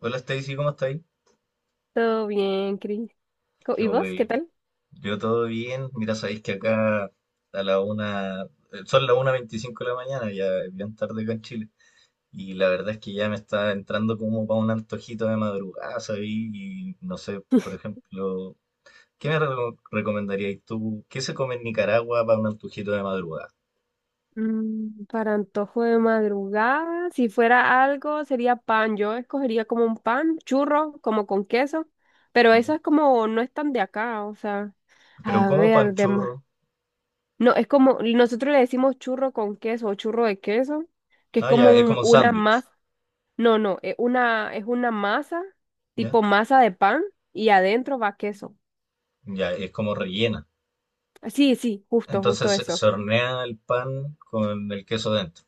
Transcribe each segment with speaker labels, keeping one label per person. Speaker 1: Hola Stacy, ¿cómo estáis?
Speaker 2: Todo bien, Cris. ¿Y
Speaker 1: Yo,
Speaker 2: vos, qué
Speaker 1: eh,
Speaker 2: tal?
Speaker 1: yo todo bien. Mira, sabéis que acá a la una, son las 1:25 de la mañana, ya es bien tarde acá en Chile. Y la verdad es que ya me está entrando como para un antojito de madrugada, ¿sabéis? Y no sé, por ejemplo, ¿qué me recomendaríais tú? ¿Qué se come en Nicaragua para un antojito de madrugada?
Speaker 2: Para antojo de madrugada, si fuera algo, sería pan. Yo escogería como un pan, churro, como con queso, pero
Speaker 1: ¿Ya?
Speaker 2: eso es como, no es tan de acá, o sea,
Speaker 1: Pero
Speaker 2: a
Speaker 1: como
Speaker 2: ver,
Speaker 1: panchurro.
Speaker 2: demás. No, es como, nosotros le decimos churro con queso o churro de queso, que es
Speaker 1: Ah,
Speaker 2: como
Speaker 1: ya, es como un
Speaker 2: una
Speaker 1: sándwich,
Speaker 2: masa, no, es una masa,
Speaker 1: ¿ya?
Speaker 2: tipo masa de pan, y adentro va queso.
Speaker 1: Ya, es como rellena.
Speaker 2: Sí, sí, justo,
Speaker 1: Entonces
Speaker 2: justo
Speaker 1: se
Speaker 2: eso.
Speaker 1: se hornea el pan con el queso dentro.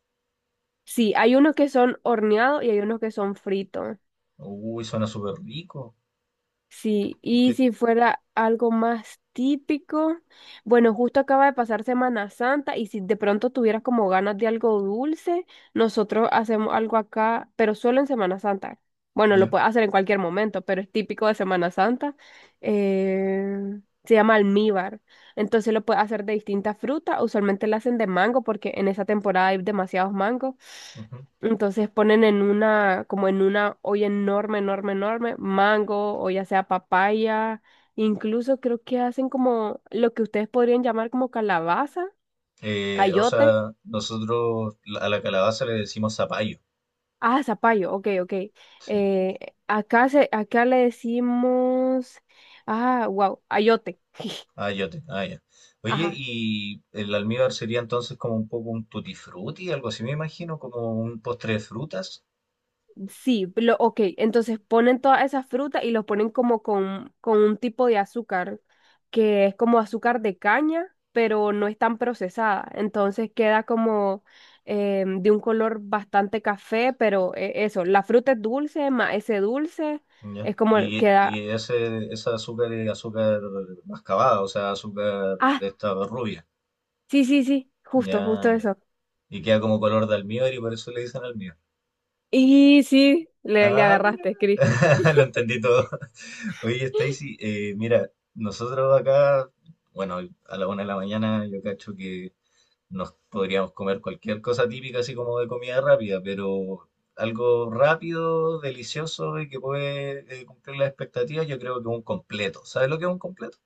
Speaker 2: Sí, hay unos que son horneados y hay unos que son fritos.
Speaker 1: Uy, suena súper rico.
Speaker 2: Sí,
Speaker 1: ¿Qué-
Speaker 2: y
Speaker 1: qué?
Speaker 2: si fuera algo más típico, bueno, justo acaba de pasar Semana Santa y si de pronto tuvieras como ganas de algo dulce, nosotros hacemos algo acá, pero solo en Semana Santa. Bueno, lo
Speaker 1: Ya,
Speaker 2: puedes hacer en cualquier momento, pero es típico de Semana Santa. Se llama almíbar. Entonces lo puedes hacer de distintas frutas. Usualmente lo hacen de mango porque en esa temporada hay demasiados mangos.
Speaker 1: ujú.
Speaker 2: Entonces ponen en una, como en una olla enorme, enorme, enorme, mango o ya sea papaya, incluso creo que hacen como lo que ustedes podrían llamar como calabaza,
Speaker 1: O
Speaker 2: ayote.
Speaker 1: sea, nosotros a la calabaza le decimos zapallo.
Speaker 2: Ah, zapallo, ok, ok.
Speaker 1: Sí.
Speaker 2: Eh, Acá, se, acá le decimos, ah, wow, ayote.
Speaker 1: Ayote, ah, ya. Oye,
Speaker 2: Ajá,
Speaker 1: y el almíbar sería entonces como un poco un tutti frutti, algo así me imagino, como un postre de frutas.
Speaker 2: sí, lo, ok, entonces ponen todas esas frutas y los ponen como con un tipo de azúcar, que es como azúcar de caña, pero no es tan procesada. Entonces queda como de un color bastante café, pero eso, la fruta es dulce, más ese dulce
Speaker 1: Ya.
Speaker 2: es como
Speaker 1: Y,
Speaker 2: queda...
Speaker 1: y ese azúcar es azúcar mascabada, o sea, azúcar
Speaker 2: Ah,
Speaker 1: de esta rubia.
Speaker 2: sí, sí, sí, justo,
Speaker 1: Ya,
Speaker 2: justo
Speaker 1: ya.
Speaker 2: eso.
Speaker 1: Y queda como color de almíbar y por eso le dicen almíbar.
Speaker 2: Y sí, le
Speaker 1: Ah, mira.
Speaker 2: agarraste, Cris.
Speaker 1: Lo entendí todo. Oye, Stacy, mira, nosotros acá, bueno, a la una de la mañana yo cacho que nos podríamos comer cualquier cosa típica, así como de comida rápida, pero algo rápido, delicioso y que puede cumplir las expectativas, yo creo que un completo. ¿Sabes lo que es un completo?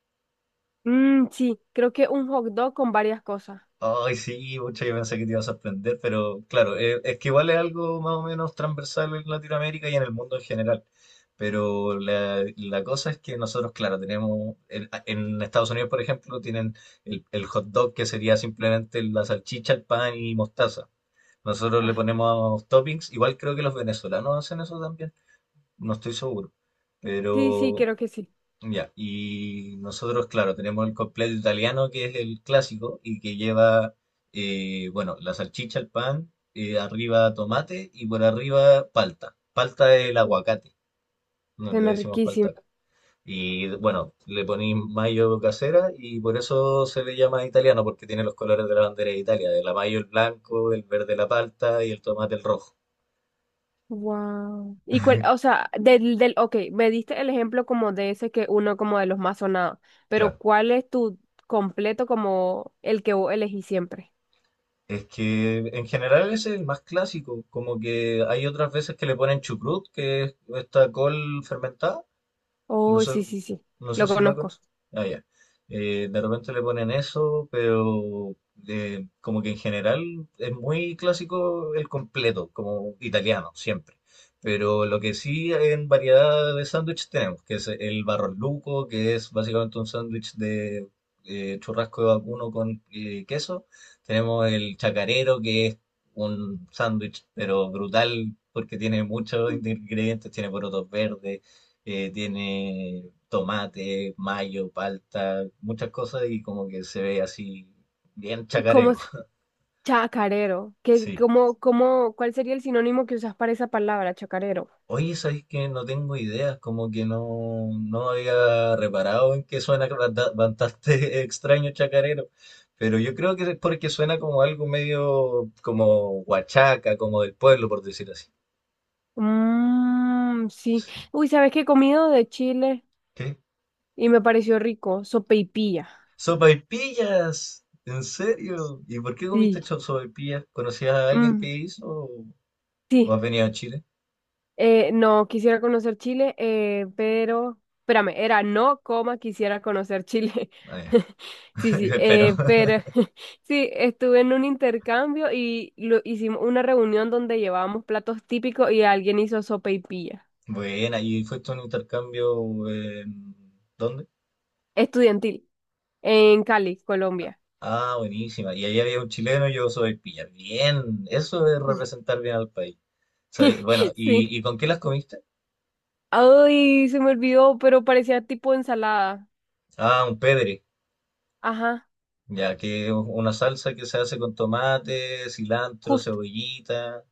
Speaker 2: Mm, sí, creo que un hot dog con varias cosas.
Speaker 1: Ay, sí, mucha, yo pensé que te iba a sorprender, pero claro, es que igual es algo más o menos transversal en Latinoamérica y en el mundo en general. Pero la cosa es que nosotros, claro, tenemos, en Estados Unidos, por ejemplo, tienen el hot dog que sería simplemente la salchicha, el pan y mostaza. Nosotros le
Speaker 2: Ah,
Speaker 1: ponemos toppings, igual creo que los venezolanos hacen eso también, no estoy seguro.
Speaker 2: sí, sí,
Speaker 1: Pero
Speaker 2: creo que sí.
Speaker 1: ya, y nosotros, claro, tenemos el completo italiano, que es el clásico, y que lleva, bueno, la salchicha, el pan, arriba tomate y por arriba palta. Palta es el
Speaker 2: Uf,
Speaker 1: aguacate, no le
Speaker 2: suena
Speaker 1: decimos palta acá.
Speaker 2: riquísimo.
Speaker 1: Y bueno, le ponéis mayo casera y por eso se le llama italiano, porque tiene los colores de la bandera de Italia, del amarillo el blanco, el verde la palta y el tomate el rojo.
Speaker 2: Wow. Y cuál, o sea, del, del, ok, me diste el ejemplo como de ese que uno como de los más sonados, pero
Speaker 1: Claro.
Speaker 2: ¿cuál es tu completo como el que vos elegís siempre?
Speaker 1: Es que en general ese es el más clásico, como que hay otras veces que le ponen chucrut, que es esta col fermentada, no
Speaker 2: Oh,
Speaker 1: sé,
Speaker 2: sí, sí, sí,
Speaker 1: no sé
Speaker 2: lo
Speaker 1: si la
Speaker 2: conozco.
Speaker 1: conoces. Ah, ya. De repente le ponen eso, pero como que en general es muy clásico el completo, como italiano, siempre. Pero lo que sí en variedad de sándwich tenemos, que es el barrolluco, que es básicamente un sándwich de churrasco de vacuno con queso. Tenemos el chacarero, que es un sándwich, pero brutal, porque tiene muchos ingredientes, tiene porotos verdes tiene tomate, mayo, palta, muchas cosas y como que se ve así bien
Speaker 2: ¿Cómo
Speaker 1: chacarero.
Speaker 2: es? Chacarero. ¿Qué,
Speaker 1: Sí.
Speaker 2: cómo, cómo, cuál sería el sinónimo que usas para esa palabra, chacarero?
Speaker 1: Oye, sabes que no tengo ideas, como que no había reparado en que suena bastante extraño chacarero, pero yo creo que es porque suena como algo medio como huachaca, como del pueblo, por decir así.
Speaker 2: Mmm, sí. Uy, ¿sabes qué he comido de Chile?
Speaker 1: ¿Qué?
Speaker 2: Y me pareció rico, sopaipilla.
Speaker 1: ¡Sopaipillas! ¿En serio? ¿Y por qué comiste
Speaker 2: Sí.
Speaker 1: sopaipillas? ¿Conocías a alguien que
Speaker 2: Mm,
Speaker 1: hizo? ¿Vos
Speaker 2: sí.
Speaker 1: has venido a Chile?
Speaker 2: No, quisiera conocer Chile, pero, espérame, era no, coma, quisiera conocer Chile.
Speaker 1: Ah, ya.
Speaker 2: Sí, sí,
Speaker 1: Pero,
Speaker 2: pero sí, estuve en un intercambio y lo, hicimos una reunión donde llevábamos platos típicos y alguien hizo sopa y pilla
Speaker 1: bueno, ¿y fuiste a un intercambio en... ¿Dónde?
Speaker 2: estudiantil en Cali, Colombia.
Speaker 1: Ah, buenísima. Y ahí había un chileno, y yo soy pilla. Bien, eso es representar bien al país. Sabí- Bueno,
Speaker 2: Sí.
Speaker 1: y con qué las comiste?
Speaker 2: Ay, se me olvidó, pero parecía tipo ensalada.
Speaker 1: Ah, un pedre,
Speaker 2: Ajá,
Speaker 1: ya que es una salsa que se hace con tomate, cilantro,
Speaker 2: justo.
Speaker 1: cebollita.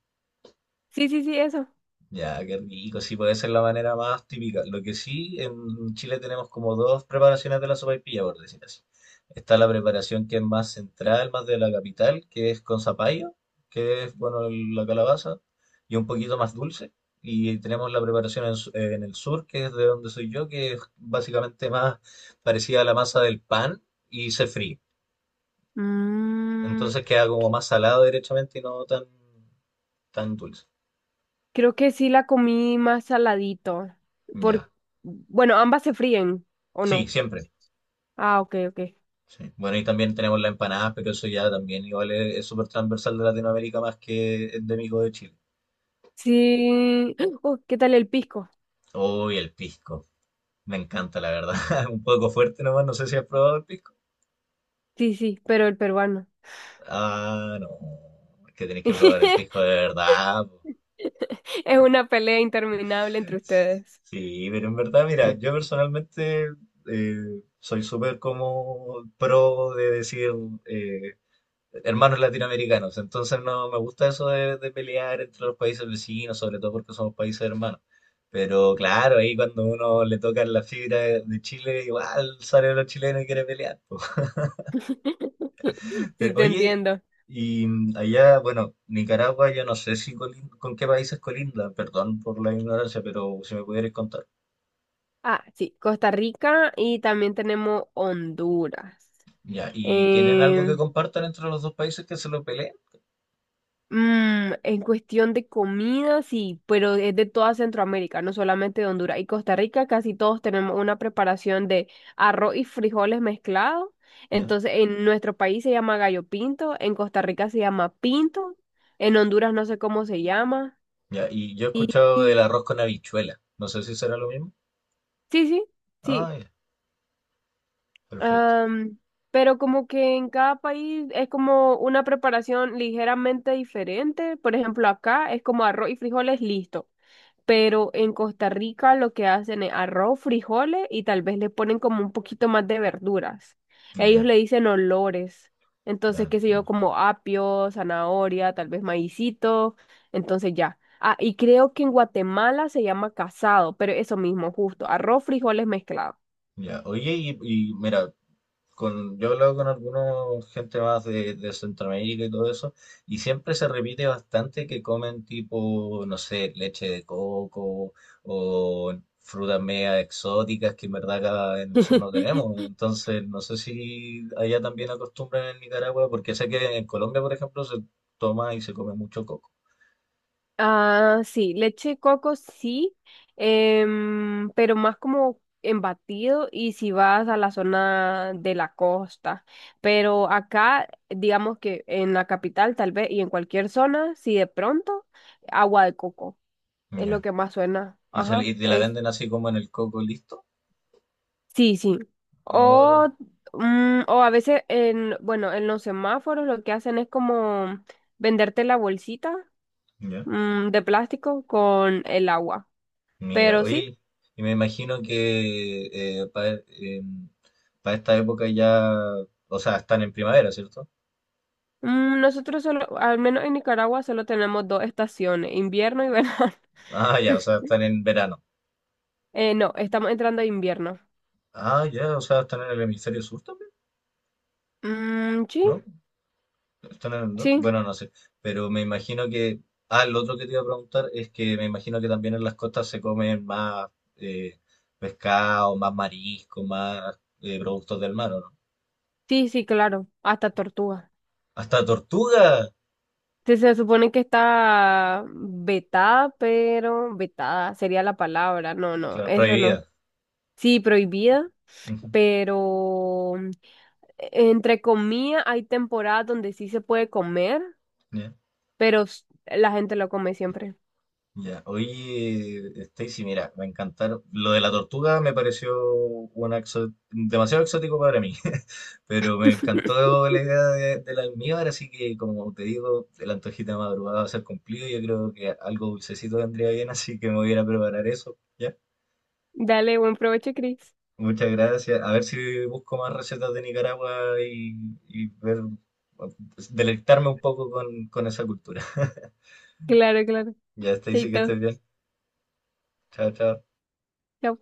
Speaker 2: Sí, sí, sí, eso.
Speaker 1: Ya, qué rico, sí, puede ser la manera más típica. Lo que sí, en Chile tenemos como dos preparaciones de la sopaipilla, por decir así. Está la preparación que es más central, más de la capital, que es con zapallo, que es, bueno, la calabaza, y un poquito más dulce. Y tenemos la preparación en, en el sur, que es de donde soy yo, que es básicamente más parecida a la masa del pan y se fríe.
Speaker 2: Mm,
Speaker 1: Entonces queda como más salado directamente y no tan, tan dulce.
Speaker 2: creo que sí la comí más saladito. Por...
Speaker 1: Ya.
Speaker 2: Bueno, ambas se fríen, ¿o
Speaker 1: Sí,
Speaker 2: no?
Speaker 1: siempre.
Speaker 2: Ah, ok, ok.
Speaker 1: Sí. Bueno, y también tenemos las empanadas, pero eso ya también igual es súper transversal de Latinoamérica más que endémico de Chile.
Speaker 2: Sí. Oh, ¿qué tal el pisco?
Speaker 1: Uy, el pisco. Me encanta, la verdad. Un poco fuerte nomás, no sé si has probado el pisco.
Speaker 2: Sí, sí, pero el peruano.
Speaker 1: Ah, no. Es que tenéis que probar el pisco de verdad. Po.
Speaker 2: Es una pelea interminable entre ustedes.
Speaker 1: Sí, pero en verdad, mira, yo personalmente soy súper como pro de decir, eh, hermanos latinoamericanos. Entonces no me gusta eso de pelear entre los países vecinos, sobre todo porque somos países hermanos. Pero claro, ahí cuando uno le toca la fibra de Chile, igual sale los chilenos y quiere pelear. Po.
Speaker 2: Sí,
Speaker 1: Pero
Speaker 2: te
Speaker 1: oye,
Speaker 2: entiendo.
Speaker 1: y allá, bueno, Nicaragua, yo no sé si con qué países colinda, perdón por la ignorancia, pero si me pudierais contar.
Speaker 2: Ah, sí, Costa Rica y también tenemos Honduras.
Speaker 1: Ya, ¿y tienen algo que
Speaker 2: Em,
Speaker 1: compartan entre los dos países que se lo peleen?
Speaker 2: En cuestión de comida, sí, pero es de toda Centroamérica, no solamente de Honduras y Costa Rica, casi todos tenemos una preparación de arroz y frijoles mezclados.
Speaker 1: Ya,
Speaker 2: Entonces, en nuestro país se llama gallo pinto, en Costa Rica se llama pinto, en Honduras no sé cómo se llama.
Speaker 1: ya, y yo he
Speaker 2: Y,
Speaker 1: escuchado del
Speaker 2: y-
Speaker 1: arroz con habichuela. No sé si será lo mismo.
Speaker 2: sí, sí,
Speaker 1: Ah,
Speaker 2: sí,
Speaker 1: ya, perfecto.
Speaker 2: Am, pero como que en cada país es como una preparación ligeramente diferente. Por ejemplo, acá es como arroz y frijoles, listo. Pero en Costa Rica lo que hacen es arroz, frijoles y tal vez le ponen como un poquito más de verduras. Ellos
Speaker 1: Ya,
Speaker 2: le dicen olores.
Speaker 1: ya
Speaker 2: Entonces, qué sé yo,
Speaker 1: entiendo.
Speaker 2: como apio, zanahoria, tal vez maicito. Entonces ya. Ah, y creo que en Guatemala se llama casado, pero eso mismo, justo, arroz, frijoles mezclado.
Speaker 1: Ya. Oye, y mira, yo he hablado con algunos gente más de Centroamérica y todo eso, y siempre se repite bastante que comen tipo, no sé, leche de coco o frutas media exóticas que en verdad acá en el sur no tenemos. Entonces, no sé si allá también acostumbran en Nicaragua, porque sé que en Colombia, por ejemplo, se toma y se come mucho coco.
Speaker 2: Ah, sí, leche de coco sí, em, pero más como en batido y si vas a la zona de la costa. Pero acá, digamos que en la capital tal vez y en cualquier zona, si de pronto, agua de coco es lo
Speaker 1: Ya.
Speaker 2: que más suena.
Speaker 1: Y, se, le-
Speaker 2: Ajá,
Speaker 1: y te la
Speaker 2: es,
Speaker 1: venden así como en el coco listo.
Speaker 2: sí, sí.
Speaker 1: Ah,
Speaker 2: O, mm, o a veces en, bueno, en los semáforos lo que hacen es como venderte la bolsita,
Speaker 1: ya.
Speaker 2: mm, de plástico con el agua.
Speaker 1: Mira,
Speaker 2: Pero sí.
Speaker 1: oye, y me imagino que para esta época ya, o sea, están en primavera, ¿cierto?
Speaker 2: Mm, nosotros solo, al menos en Nicaragua, solo tenemos dos estaciones, invierno y verano.
Speaker 1: Ah, ya, o sea, están en verano.
Speaker 2: No, estamos entrando a invierno.
Speaker 1: Ah, ya, o sea, están en el hemisferio sur también,
Speaker 2: Mm, sí,
Speaker 1: ¿no? Están en el norte,
Speaker 2: sí,
Speaker 1: bueno, no sé, pero me imagino que, ah, lo otro que te iba a preguntar es que me imagino que también en las costas se comen más eh, pescado, más marisco, más productos del mar, ¿o no?
Speaker 2: sí, sí, claro, hasta tortuga.
Speaker 1: Hasta tortuga,
Speaker 2: Se supone que está vetada, pero vetada sería la palabra. No, no,
Speaker 1: claro,
Speaker 2: eso no.
Speaker 1: prohibida.
Speaker 2: Sí, prohibida,
Speaker 1: Ujú,
Speaker 2: pero mm, entre comillas hay temporadas donde sí se puede comer,
Speaker 1: ya.
Speaker 2: pero la gente lo come siempre.
Speaker 1: Ya, oye, Stacy, mira, me encantaron. Lo de la tortuga me pareció una demasiado exótico para mí, pero me encantó la idea del almíbar, así que como te digo, el antojito de madrugada va a ser cumplido. Yo creo que algo dulcecito vendría bien, así que me voy a ir a preparar eso, ¿ya?
Speaker 2: Dale, buen provecho, Chris.
Speaker 1: Muchas gracias. A ver si busco más recetas de Nicaragua y ver, deleitarme un poco con esa cultura.
Speaker 2: Claro, claro.
Speaker 1: Ya, Stacy, que
Speaker 2: Chaito.
Speaker 1: estés bien. Chao, chao.
Speaker 2: Chao.